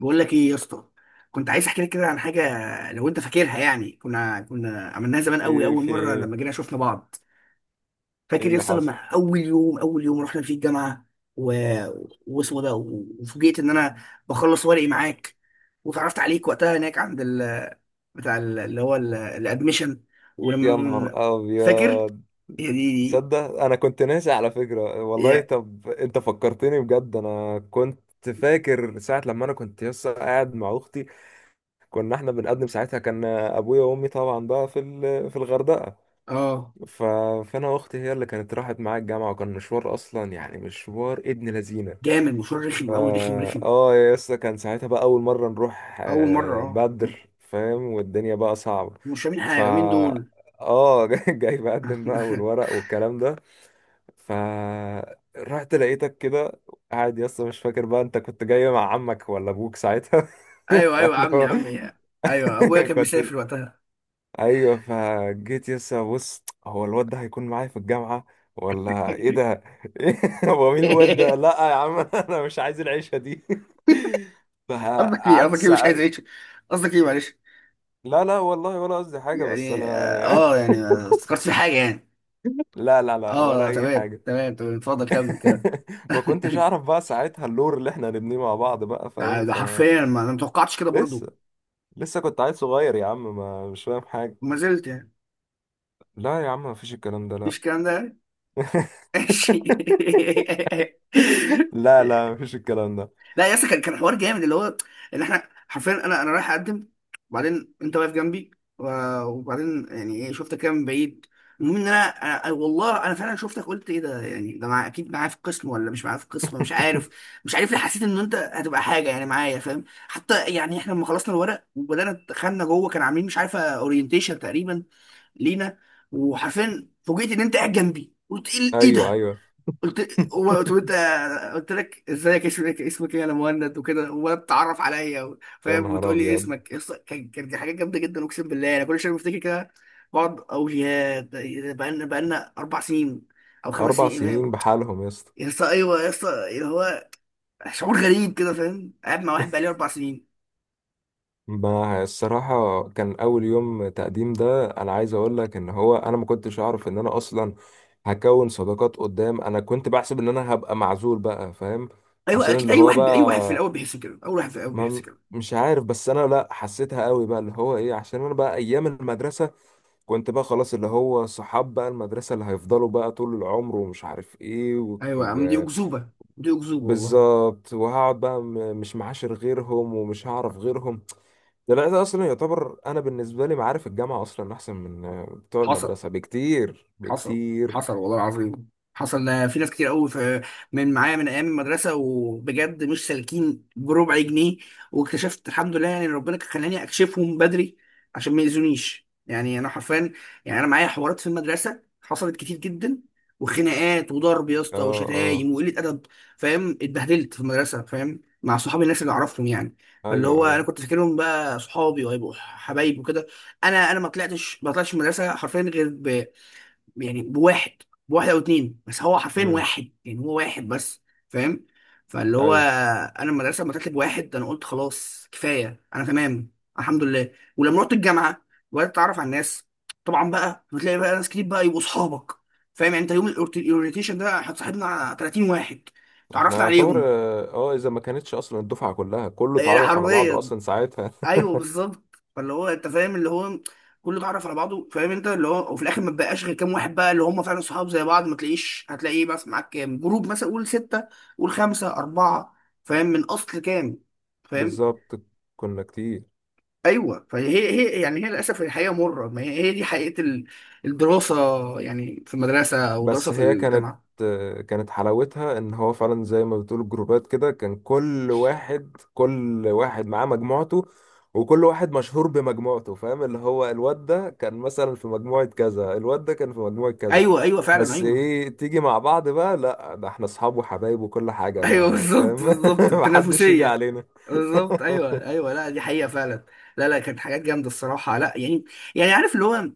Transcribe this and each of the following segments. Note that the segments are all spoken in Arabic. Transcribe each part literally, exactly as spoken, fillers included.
بقول لك ايه يا اسطى. كنت عايز احكي لك كده عن حاجه، لو انت فاكرها. يعني كنا كنا عملناها زمان قوي، ايه اول في مره ايه؟ لما جينا شفنا بعض. ايه فاكر يا اللي اسطى لما حصل؟ اول يوم اول يوم رحنا فيه الجامعه، و... واسمه ده، وفوجئت ان انا بخلص ورقي معاك، وتعرفت عليك وقتها هناك عند ال... بتاع ال- اللي هو ال- الادميشن. ولما يا نهار بن- فاكر؟ ابيض. يا دي دي. تصدق انا كنت ناسي على فكرة والله؟ يا، طب انت فكرتني بجد، انا كنت فاكر ساعة لما انا كنت لسه قاعد مع اختي. كنا احنا بنقدم ساعتها، كان ابويا وامي طبعا بقى في ال- في الغردقة. اه، ف... فانا واختي هي اللي كانت راحت معايا الجامعة، وكان مشوار اصلا، يعني مشوار ابن لذينة. جامد. مشوار رخم فا قوي، رخم رخم. اه يا اسطى، كان ساعتها بقى اول مره نروح، اول مره، آه، اه، بدر فاهم، والدنيا بقى صعبه. مش فاهمين حاجه، مين فا دول؟ اه جاي جاي بقدم بقى والورق والكلام ده. فا رحت لقيتك كده قاعد يا اسطى، مش فاكر بقى انت كنت جاي مع عمك ولا ابوك ساعتها. ايوه ايوه، فاللي عمي هو عمي. ايوه ابويا كان كنت، مسافر وقتها. ايوه، فجيت يسا بص هو الواد ده هيكون معايا في الجامعه ولا ايه ده؟ إيه؟ هو مين الواد ده؟ لا يا عم، انا مش عايز العيشه دي. قصدك ايه، فقعدت قصدك ايه مش عايز ساعات. اعيش؟ قصدك ايه، معلش؟ لا لا والله، ولا قصدي حاجه، بس يعني اه. انا آه، يعني ما افتكرتش في حاجه يعني. لا لا لا، ولا اه، اي تمام حاجه. تمام تمام، اتفضل كمل كده. ما كنتش اعرف بقى ساعتها اللور اللي احنا هنبنيه مع بعض بقى، ده فاهم؟ ده ف حرفيا ما انا متوقعتش كده برضو. لسه، لسه كنت عيل صغير يا عم، ما مش فاهم حاجه. ما زلت يعني. لا يا عم، ما فيش الكلام ده، مفيش لا. الكلام ده يعني. ماشي. لا لا، مفيش الكلام ده. لا يا اسطى، كان كان حوار جامد اللي هو، اللي احنا حرفيا، انا انا رايح اقدم، وبعدين انت واقف جنبي، و- وبعدين يعني ايه شفتك كده من بعيد. المهم ان انا أنا- أنا- والله انا فعلا شفتك، قلت ايه ده؟ يعني ده مع اكيد معايا في القسم ولا مش معايا في القسم، مش عارف. مش عارف ليه حسيت ان انت هتبقى حاجه يعني معايا، فاهم؟ حتى يعني احنا لما خلصنا الورق وبدانا دخلنا جوه، كان عاملين مش عارفه اورينتيشن تقريبا لينا، وحرفيا فوجئت ان انت قاعد جنبي. قلت ايه إيه ايوه ده؟ ايوه. قلت هو- قلت انت قلت لك ازيك، اسمك اسمك ايه يا مهند وكده، ولا بتتعرف عليا و- يا فاهم، نهار وتقول لي ابيض. اسمك يس- كان كان دي حاجات جامده جدا، اقسم بالله انا كل شويه بفتكر كده. بقعد اقول يا، ده ده بقالنا بقالنا اربع سنين او خمس اربع سنين، فاهم؟ سنين بحالهم يا اسطى. يا اسطى، ايوه يا اسطى، اللي هو شعور غريب كده، فاهم؟ قاعد مع واحد بقالي اربع سنين. ما الصراحه كان اول يوم تقديم ده، انا عايز اقول لك ان هو انا ما كنتش اعرف ان انا اصلا هكون صداقات قدام. انا كنت بحسب ان انا هبقى معزول بقى، فاهم؟ ايوه عشان اكيد، اللي اي هو واحد اي واحد في بقى، الاول بيحس كده، اول واحد في الاول بيحس ما كده. مش عارف، بس انا لا حسيتها قوي بقى اللي هو ايه، عشان انا بقى ايام المدرسه كنت بقى خلاص اللي هو صحاب بقى المدرسه اللي هيفضلوا بقى طول العمر ومش عارف ايه. ايوه يا عم دي و... اكذوبه، دي اكذوبه والله. بالظبط. وهقعد بقى م- مش معاشر غيرهم ومش هعرف غيرهم. ده لا، ده اصلا يعتبر انا بالنسبه لي معارف الجامعه اصلا احسن من آه، بتوع حصل المدرسه بكتير حصل بكتير. حصل والله العظيم. حصل، ده في ناس كتير قوي في، من معايا من ايام المدرسه، وبجد مش سالكين بربع جنيه. واكتشفت الحمد لله، يعني ربنا كان خلاني اكشفهم بدري عشان ما يأذونيش. يعني انا حرفيا، يعني انا معايا حوارات في المدرسه حصلت كتير جدا، وخناقات وضرب يا اسطى، اه اه. وشتايم وقله ادب، فاهم؟ اتبهدلت في المدرسه، فاهم، مع صحابي الناس اللي اعرفهم يعني. فاللي هو ايوه انا ايوه. كنت فاكرهم بقى صحابي وهيبقوا حبايب وكده. انا انا ما طلعتش ما طلعتش من المدرسه حرفيا غير يعني بواحد، بواحد او اتنين، بس هو حرفيا امم. واحد، يعني هو واحد بس، فاهم؟ فاللي هو ايوه. انا المدرسه لما طلعت بواحد انا قلت خلاص كفايه انا تمام، الحمد لله. ولما رحت الجامعه وبدات اتعرف على الناس، طبعا بقى بتلاقي بقى ناس كتير بقى يبقوا اصحابك، فاهم؟ يعني انت يوم الاورينتيشن ده احنا صاحبنا ثلاثين واحد، احنا اتعرفنا يعتبر عليهم. اه، آه، اذا ما كانتش اصلا الدفعه كلها كله يعني اتعرف على بعضه حرفيا. اصلا ساعتها. ايوه بالظبط، فاللي هو انت فاهم، اللي هو كله اتعرف على بعضه، فاهم؟ انت، اللي هو، وفي الاخر ما بقاش غير كام واحد بقى اللي هم فعلا صحاب زي بعض، ما تلاقيش هتلاقيه بس معاك كام جروب، مثلا قول سته، قول خمسه، اربعه، فاهم؟ من اصل كام؟ فاهم. بالظبط. كنا كتير. ايوه، فهي هي يعني، هي للاسف الحقيقه مره، ما هي هي دي حقيقه ال- الدراسه. يعني في المدرسه او دراسه بس في هي كانت الجامعه. كانت حلاوتها ان هو فعلا زي ما بتقول جروبات كده، كان كل واحد كل واحد معاه مجموعته، وكل واحد مشهور بمجموعته، فاهم؟ اللي هو الواد ده كان مثلا في مجموعة كذا، الواد ده كان في مجموعة كذا. ايوه ايوه فعلا، بس ايوه. ايه، تيجي مع بعض بقى، لا ده احنا اصحاب وحبايب وكل حاجة، ايوه ما بالظبط، فاهم؟ بالظبط، محدش يجي التنافسيه. علينا. بالظبط، ايوه ايوه، لا دي حقيقه فعلا. لا لا كانت حاجات جامده الصراحه، لا يعني. يعني عارف اللي هو،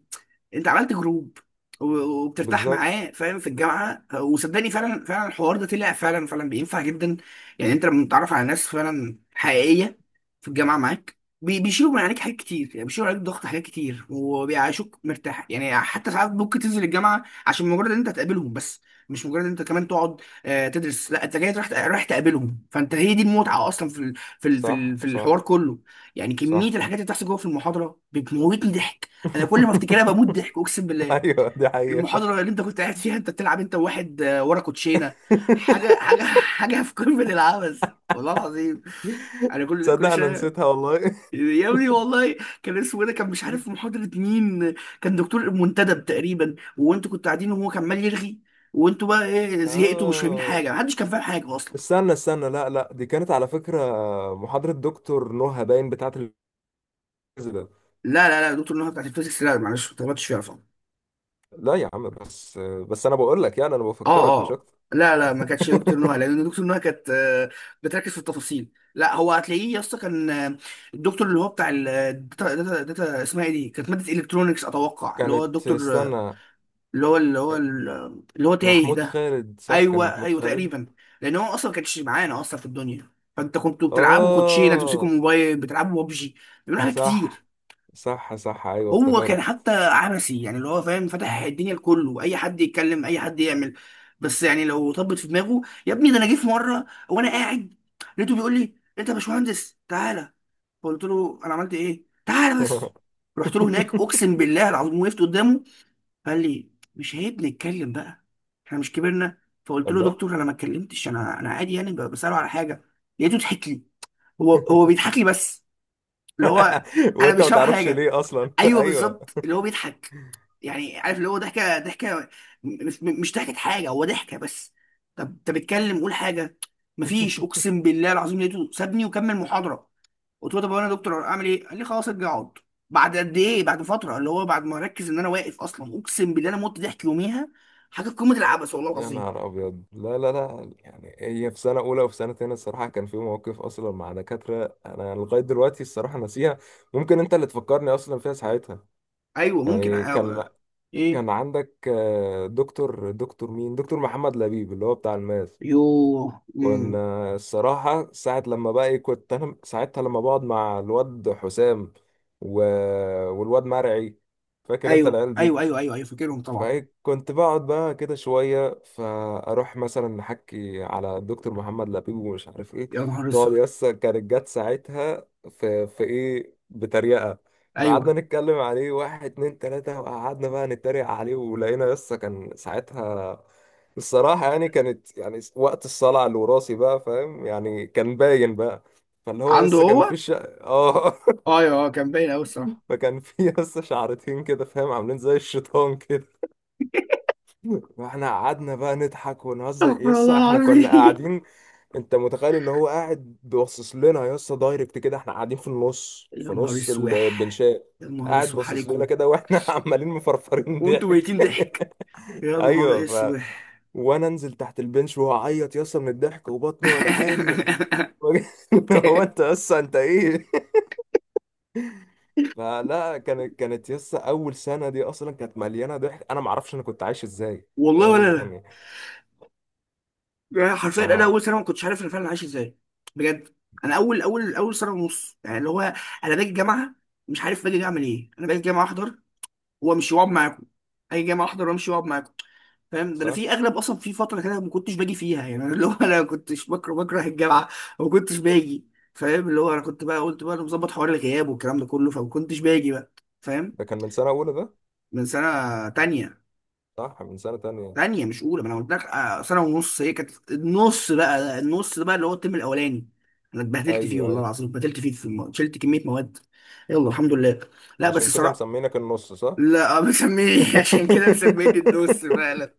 انت عملت جروب و- وبترتاح بالظبط. معاه، فاهم، في الجامعه. وصدقني فعلا فعلا الحوار ده طلع فعلا فعلا بينفع جدا. يعني انت لما بتتعرف على ناس فعلا حقيقيه في الجامعه معاك، بي- بيشيلوا من عليك حاجات كتير، يعني بيشيلوا عليك ضغط حاجات كتير، وبيعيشوك مرتاح. يعني حتى ساعات ممكن تنزل الجامعه عشان مجرد ان انت تقابلهم بس، مش مجرد ان انت كمان تقعد آه، تدرس. لا، انت جاي رايح رايح تقابلهم، فانت هي دي المتعه اصلا في ال- في ال- في صح ال- في صح الحوار كله. يعني كميه صح. الحاجات اللي بتحصل جوه في المحاضره بتموتني ضحك. انا كل ما افتكرها بموت ضحك اقسم بالله. ايوه دي حقيقة. المحاضره اللي انت كنت قاعد فيها، انت بتلعب انت وواحد آه، ورا كوتشينه، حاجه، حاجه حاجه في قمه العبث، والله العظيم. انا كل تصدق كل انا شويه، نسيتها والله؟ يا ابني والله. كان اسمه إيه ده، كان مش عارف محاضره مين. كان دكتور منتدب تقريبا، وانتوا كنتوا قاعدين، وهو كان عمال يرغي، وانتوا بقى ايه زهقتوا، ومش فاهمين اه، حاجه، محدش كان فاهم حاجه اصلا. استنى استنى، لا لا، دي كانت على فكرة محاضرة دكتور نهى، باين بتاعة الفيزياء. لا لا لا، دكتور نهى بتاعت الفيزيكس؟ لا معلش، ما اتغلطتش فيها. لا يا عم، بس بس انا بقول لك، يعني انا اه بفكرك مش اه. اكتر. لا لا ما كانتش دكتور نهى، لان دكتور نهى كانت، آه، بتركز في التفاصيل. لا، هو هتلاقيه يا اسطى كان، آه، الدكتور اللي هو بتاع الداتا داتا داتا، اسمها ايه دي؟ كانت ماده الكترونكس اتوقع، اللي هو كانت، الدكتور، آه، استنى، اللي هو اللي هو اللي هو تايه محمود ده. خالد، صح، كان ايوه محمود ايوه خالد. تقريبا. لان هو اصلا ما كانش معانا اصلا في الدنيا. فانت كنتوا بتلعبوا كوتشينه، تمسكوا اه. موبايل بتلعبوا ببجي، بيعملوا حاجات صح كتير. صح صح، ايوه هو كان افتكرت. حتى عبثي، يعني اللي هو فاهم، فتح الدنيا لكله، اي حد يتكلم، اي حد يعمل. بس يعني لو طبت في دماغه. يا ابني، ده انا جه في مره وانا قاعد، لقيته بيقول لي انت يا باشمهندس تعالى. فقلت له انا عملت ايه؟ تعالى بس. رحت له هناك، اقسم بالله العظيم، وقفت قدامه. قال لي مش عيب نتكلم بقى، احنا مش كبرنا؟ فقلت له الله. دكتور انا ما اتكلمتش، انا انا عادي، يعني بساله على حاجه. لقيته ضحك لي. هو هو بيضحك لي بس، اللي هو، انا وانت مش ما فاهم تعرفش حاجه. ليه اصلا. ايوه ايوه. بالظبط، اللي هو بيضحك. يعني عارف، اللي هو ضحكه، ضحكه، مش مش ضحكه حاجه، هو ضحكه بس. طب انت بتتكلم، قول حاجه. مفيش، اقسم بالله العظيم، لقيته سابني وكمل محاضره. قلت له طب انا يا دكتور اعمل ايه؟ قال لي خلاص ارجع اقعد. بعد قد ايه، بعد فتره، اللي هو بعد ما اركز ان انا واقف اصلا. اقسم بالله انا مت ضحك يوميها، حاجه قمه العبث، والله يا العظيم. نهار أبيض. لا لا لا، يعني هي في سنة أولى وفي سنة تانية الصراحة، كان في مواقف أصلا مع دكاترة أنا لغاية دلوقتي الصراحة ناسيها. ممكن أنت اللي تفكرني أصلا فيها ساعتها. ايوه ممكن يعني كان أ- ايه. كان عندك آه، دكتور، دكتور مين؟ دكتور محمد لبيب، اللي هو بتاع الماس. يوه، مم. كنا الصراحة ساعة لما بقى إيه، كنت أنا ساعتها لما بقعد مع الواد حسام و... والواد مرعي، فاكر أنت ايوه العيال ايوه دي؟ ايوه ايوه ايوه، فاكرهم طبعا. فكنت بقعد بقى كده شوية، فأروح مثلا أحكي على الدكتور محمد لبيب ومش عارف إيه. يا نهار تقعد اسود. يسا، كانت جت ساعتها في, في إيه، بتريقة. ايوه فقعدنا نتكلم عليه، واحد اتنين تلاتة، وقعدنا بقى نتريق عليه، ولقينا يسا كان ساعتها الصراحة يعني كانت يعني وقت الصلع الوراثي بقى، فاهم يعني؟ كان باين بقى. فاللي هو عنده لسه كان هو. في ش... اه ايوه، آه، كان باين قوي. فكان في لسه شعرتين كده فاهم، عاملين زي الشيطان كده. فاحنا قعدنا بقى نضحك ونهزر، استغفر يسا الله احنا كنا العظيم. قاعدين. انت متخيل ان هو قاعد بيبصص لنا يسا دايركت كده، احنا قاعدين في النص، في يا نهار نص اسوح. البنشاء. يا نهار قاعد اسوح باصص لنا عليكم. كده واحنا عمالين مفرفرين وانتوا ضحك. ميتين ضحك. يا نهار ايوه. ف اسوح. وانا انزل تحت البنش وهعيط يسا من الضحك وبطني وجعاني. هو انت يسا انت ايه؟ فلا، كانت، كانت يسا اول سنه دي اصلا كانت مليانه ضحك، انا معرفش انا كنت عايش ازاي. والله ولا فاهم لا. يعني؟ يعني ف حرفيا انا اول سنه ما كنتش عارف انا فعلا عايش ازاي، بجد. انا اول اول اول سنه ونص يعني، اللي هو انا باجي الجامعه، مش عارف باجي اعمل ايه. انا باجي الجامعه احضر وامشي واقعد معاكم. اجي الجامعه احضر وامشي واقعد معاكم، فاهم؟ ده انا صح. في اغلب، اصلا في فتره كده ما كنتش باجي فيها، يعني أنا اللي هو انا كنتش بكره بكره الجامعه وما كنتش باجي، فاهم؟ اللي هو انا كنت بقى قلت بقى انا مظبط حوار الغياب والكلام ده كله، فما كنتش باجي بقى، فاهم. ده كان من سنة أولى ده؟ من سنه تانية. صح، من سنة تانية. تانية مش اولى، ما انا قلت لك، آه، سنه ونص، هي كانت النص بقى. النص ده بقى اللي هو الترم الاولاني، انا اتبهدلت فيه أيوه والله أيوه. العظيم، اتبهدلت فيه في الم... شلت كميه مواد. يلا الحمد لله. لا بس عشان كده الصراحه. مسمينك النص، صح. لا مسميني عشان كده مسميني النص فعلا،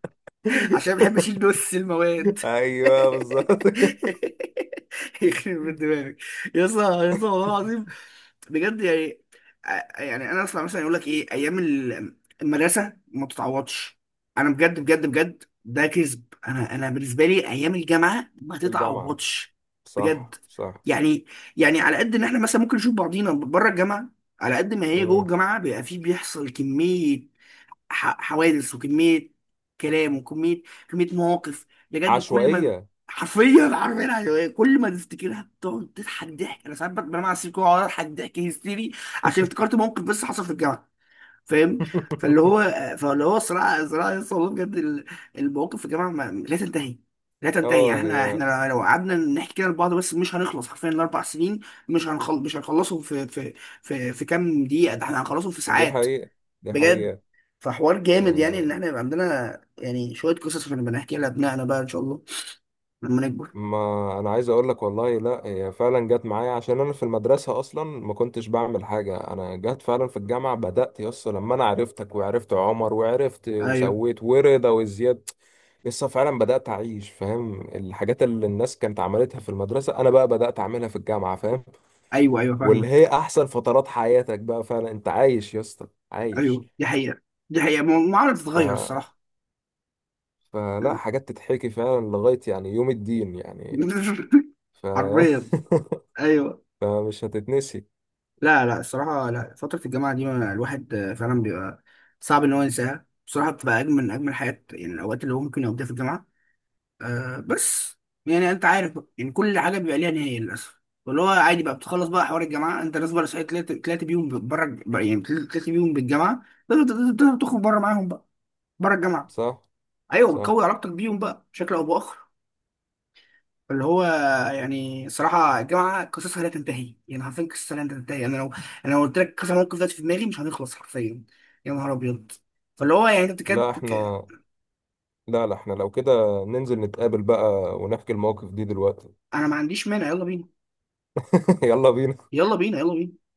عشان بحب اشيل نص المواد. أيوه بالظبط. يخرب بيت دماغك. يا اسطى يا اسطى والله العظيم. بجد يعني، ع- يعني انا اسمع مثلا يقول لك ايه ايام ال- المدرسه ما بتتعوضش. انا بجد بجد بجد ده كذب. انا انا بالنسبه لي ايام الجامعه ما الجامعة. تتعوضش، صح بجد. صح. يعني، يعني على قد ان احنا مثلا ممكن نشوف بعضينا بره الجامعه، على قد ما هي جوه مم. الجامعه بيبقى فيه، بيحصل كميه ح- حوادث، وكمية كلام، وكمية، كمية مواقف، بجد كل ما، عشوائية. حرفيا حرفيا حرفياً يعني إيه، كل ما تفتكرها بتقعد تضحك ضحك. انا ساعات بت- بنام على السرير كده واقعد اضحك ضحك هيستيري عشان افتكرت موقف بس حصل في الجامعة، فاهم؟ فاللي هو، فاللي هو صراع صراع يس، والله بجد ال- المواقف في الجامعة ما- لا تنتهي، لا تنتهي. اه يعني احنا هي. احنا لو قعدنا نحكي كده لبعض بس مش هنخلص حرفيا الاربع سنين. مش هنخل مش هنخلصهم في في في في كام دقيقة، ده احنا هنخلصهم في دي ساعات، حقيقة. دي بجد. حقيقة. فحوار جامد، يعني ان يعني احنا يبقى عندنا يعني شويه قصص بنبقى نحكي لابنائنا بقى ان شاء الله لما نكبر. ما انا عايز اقول لك والله، لا هي فعلا جت معايا، عشان انا في المدرسه اصلا ما كنتش بعمل حاجه، انا جت فعلا في الجامعه بدات يس لما انا عرفتك، وعرفت عمر، وعرفت ايوه وسويت ورضا وزياد. لسه فعلا بدات اعيش، فاهم؟ الحاجات اللي الناس كانت عملتها في المدرسه انا بقى بدات اعملها في الجامعه، فاهم؟ ايوه ايوه، واللي فاهمك. هي احسن فترات حياتك بقى فعلا انت عايش يا اسطى، عايش. ايوه دي حقيقه، دي حقيقه، ما ما عمرها ف بتتغير الصراحه. فلا، حاجات تتحكي فعلا لغايه يعني يوم الدين يعني. ف حرفيا. ايوه. فمش هتتنسي. لا لا الصراحه، لا، فتره الجامعه دي ما- الواحد آه، فعلا بيبقى صعب ان هو ينساها بصراحه، بتبقى اجمل من اجمل حاجات، يعني الاوقات اللي هو ممكن يقضيها في الجامعه. آه بس، يعني انت عارف بقى، يعني كل حاجه بيبقى ليها نهايه للاسف. فاللي هو عادي بقى بتخلص بقى حوار الجامعه، انت ناس بقى صحيت، طلعت طلعت بيهم بره، يعني طلعت بيهم بالجامعه، تقدر تقدر تخرج بره معاهم بقى، بره الجامعه. صح ايوه، صح. بتقوي علاقتك بيهم بقى بشكل او باخر، اللي هو. يعني صراحه الجامعه قصصها لا تنتهي، يعني حرفيا قصصها لا تنتهي. انا لو انا لو قلت لك كذا موقف دلوقتي في دماغي مش هنخلص حرفيا. يا نهار ابيض. فاللي هو يعني انت لا بتكاد. احنا، لا لا احنا لو كده ننزل نتقابل بقى ونحكي المواقف دي دلوقتي. انا ما عنديش مانع، يلا بينا، يلا بينا. يلا بينا، يلا بينا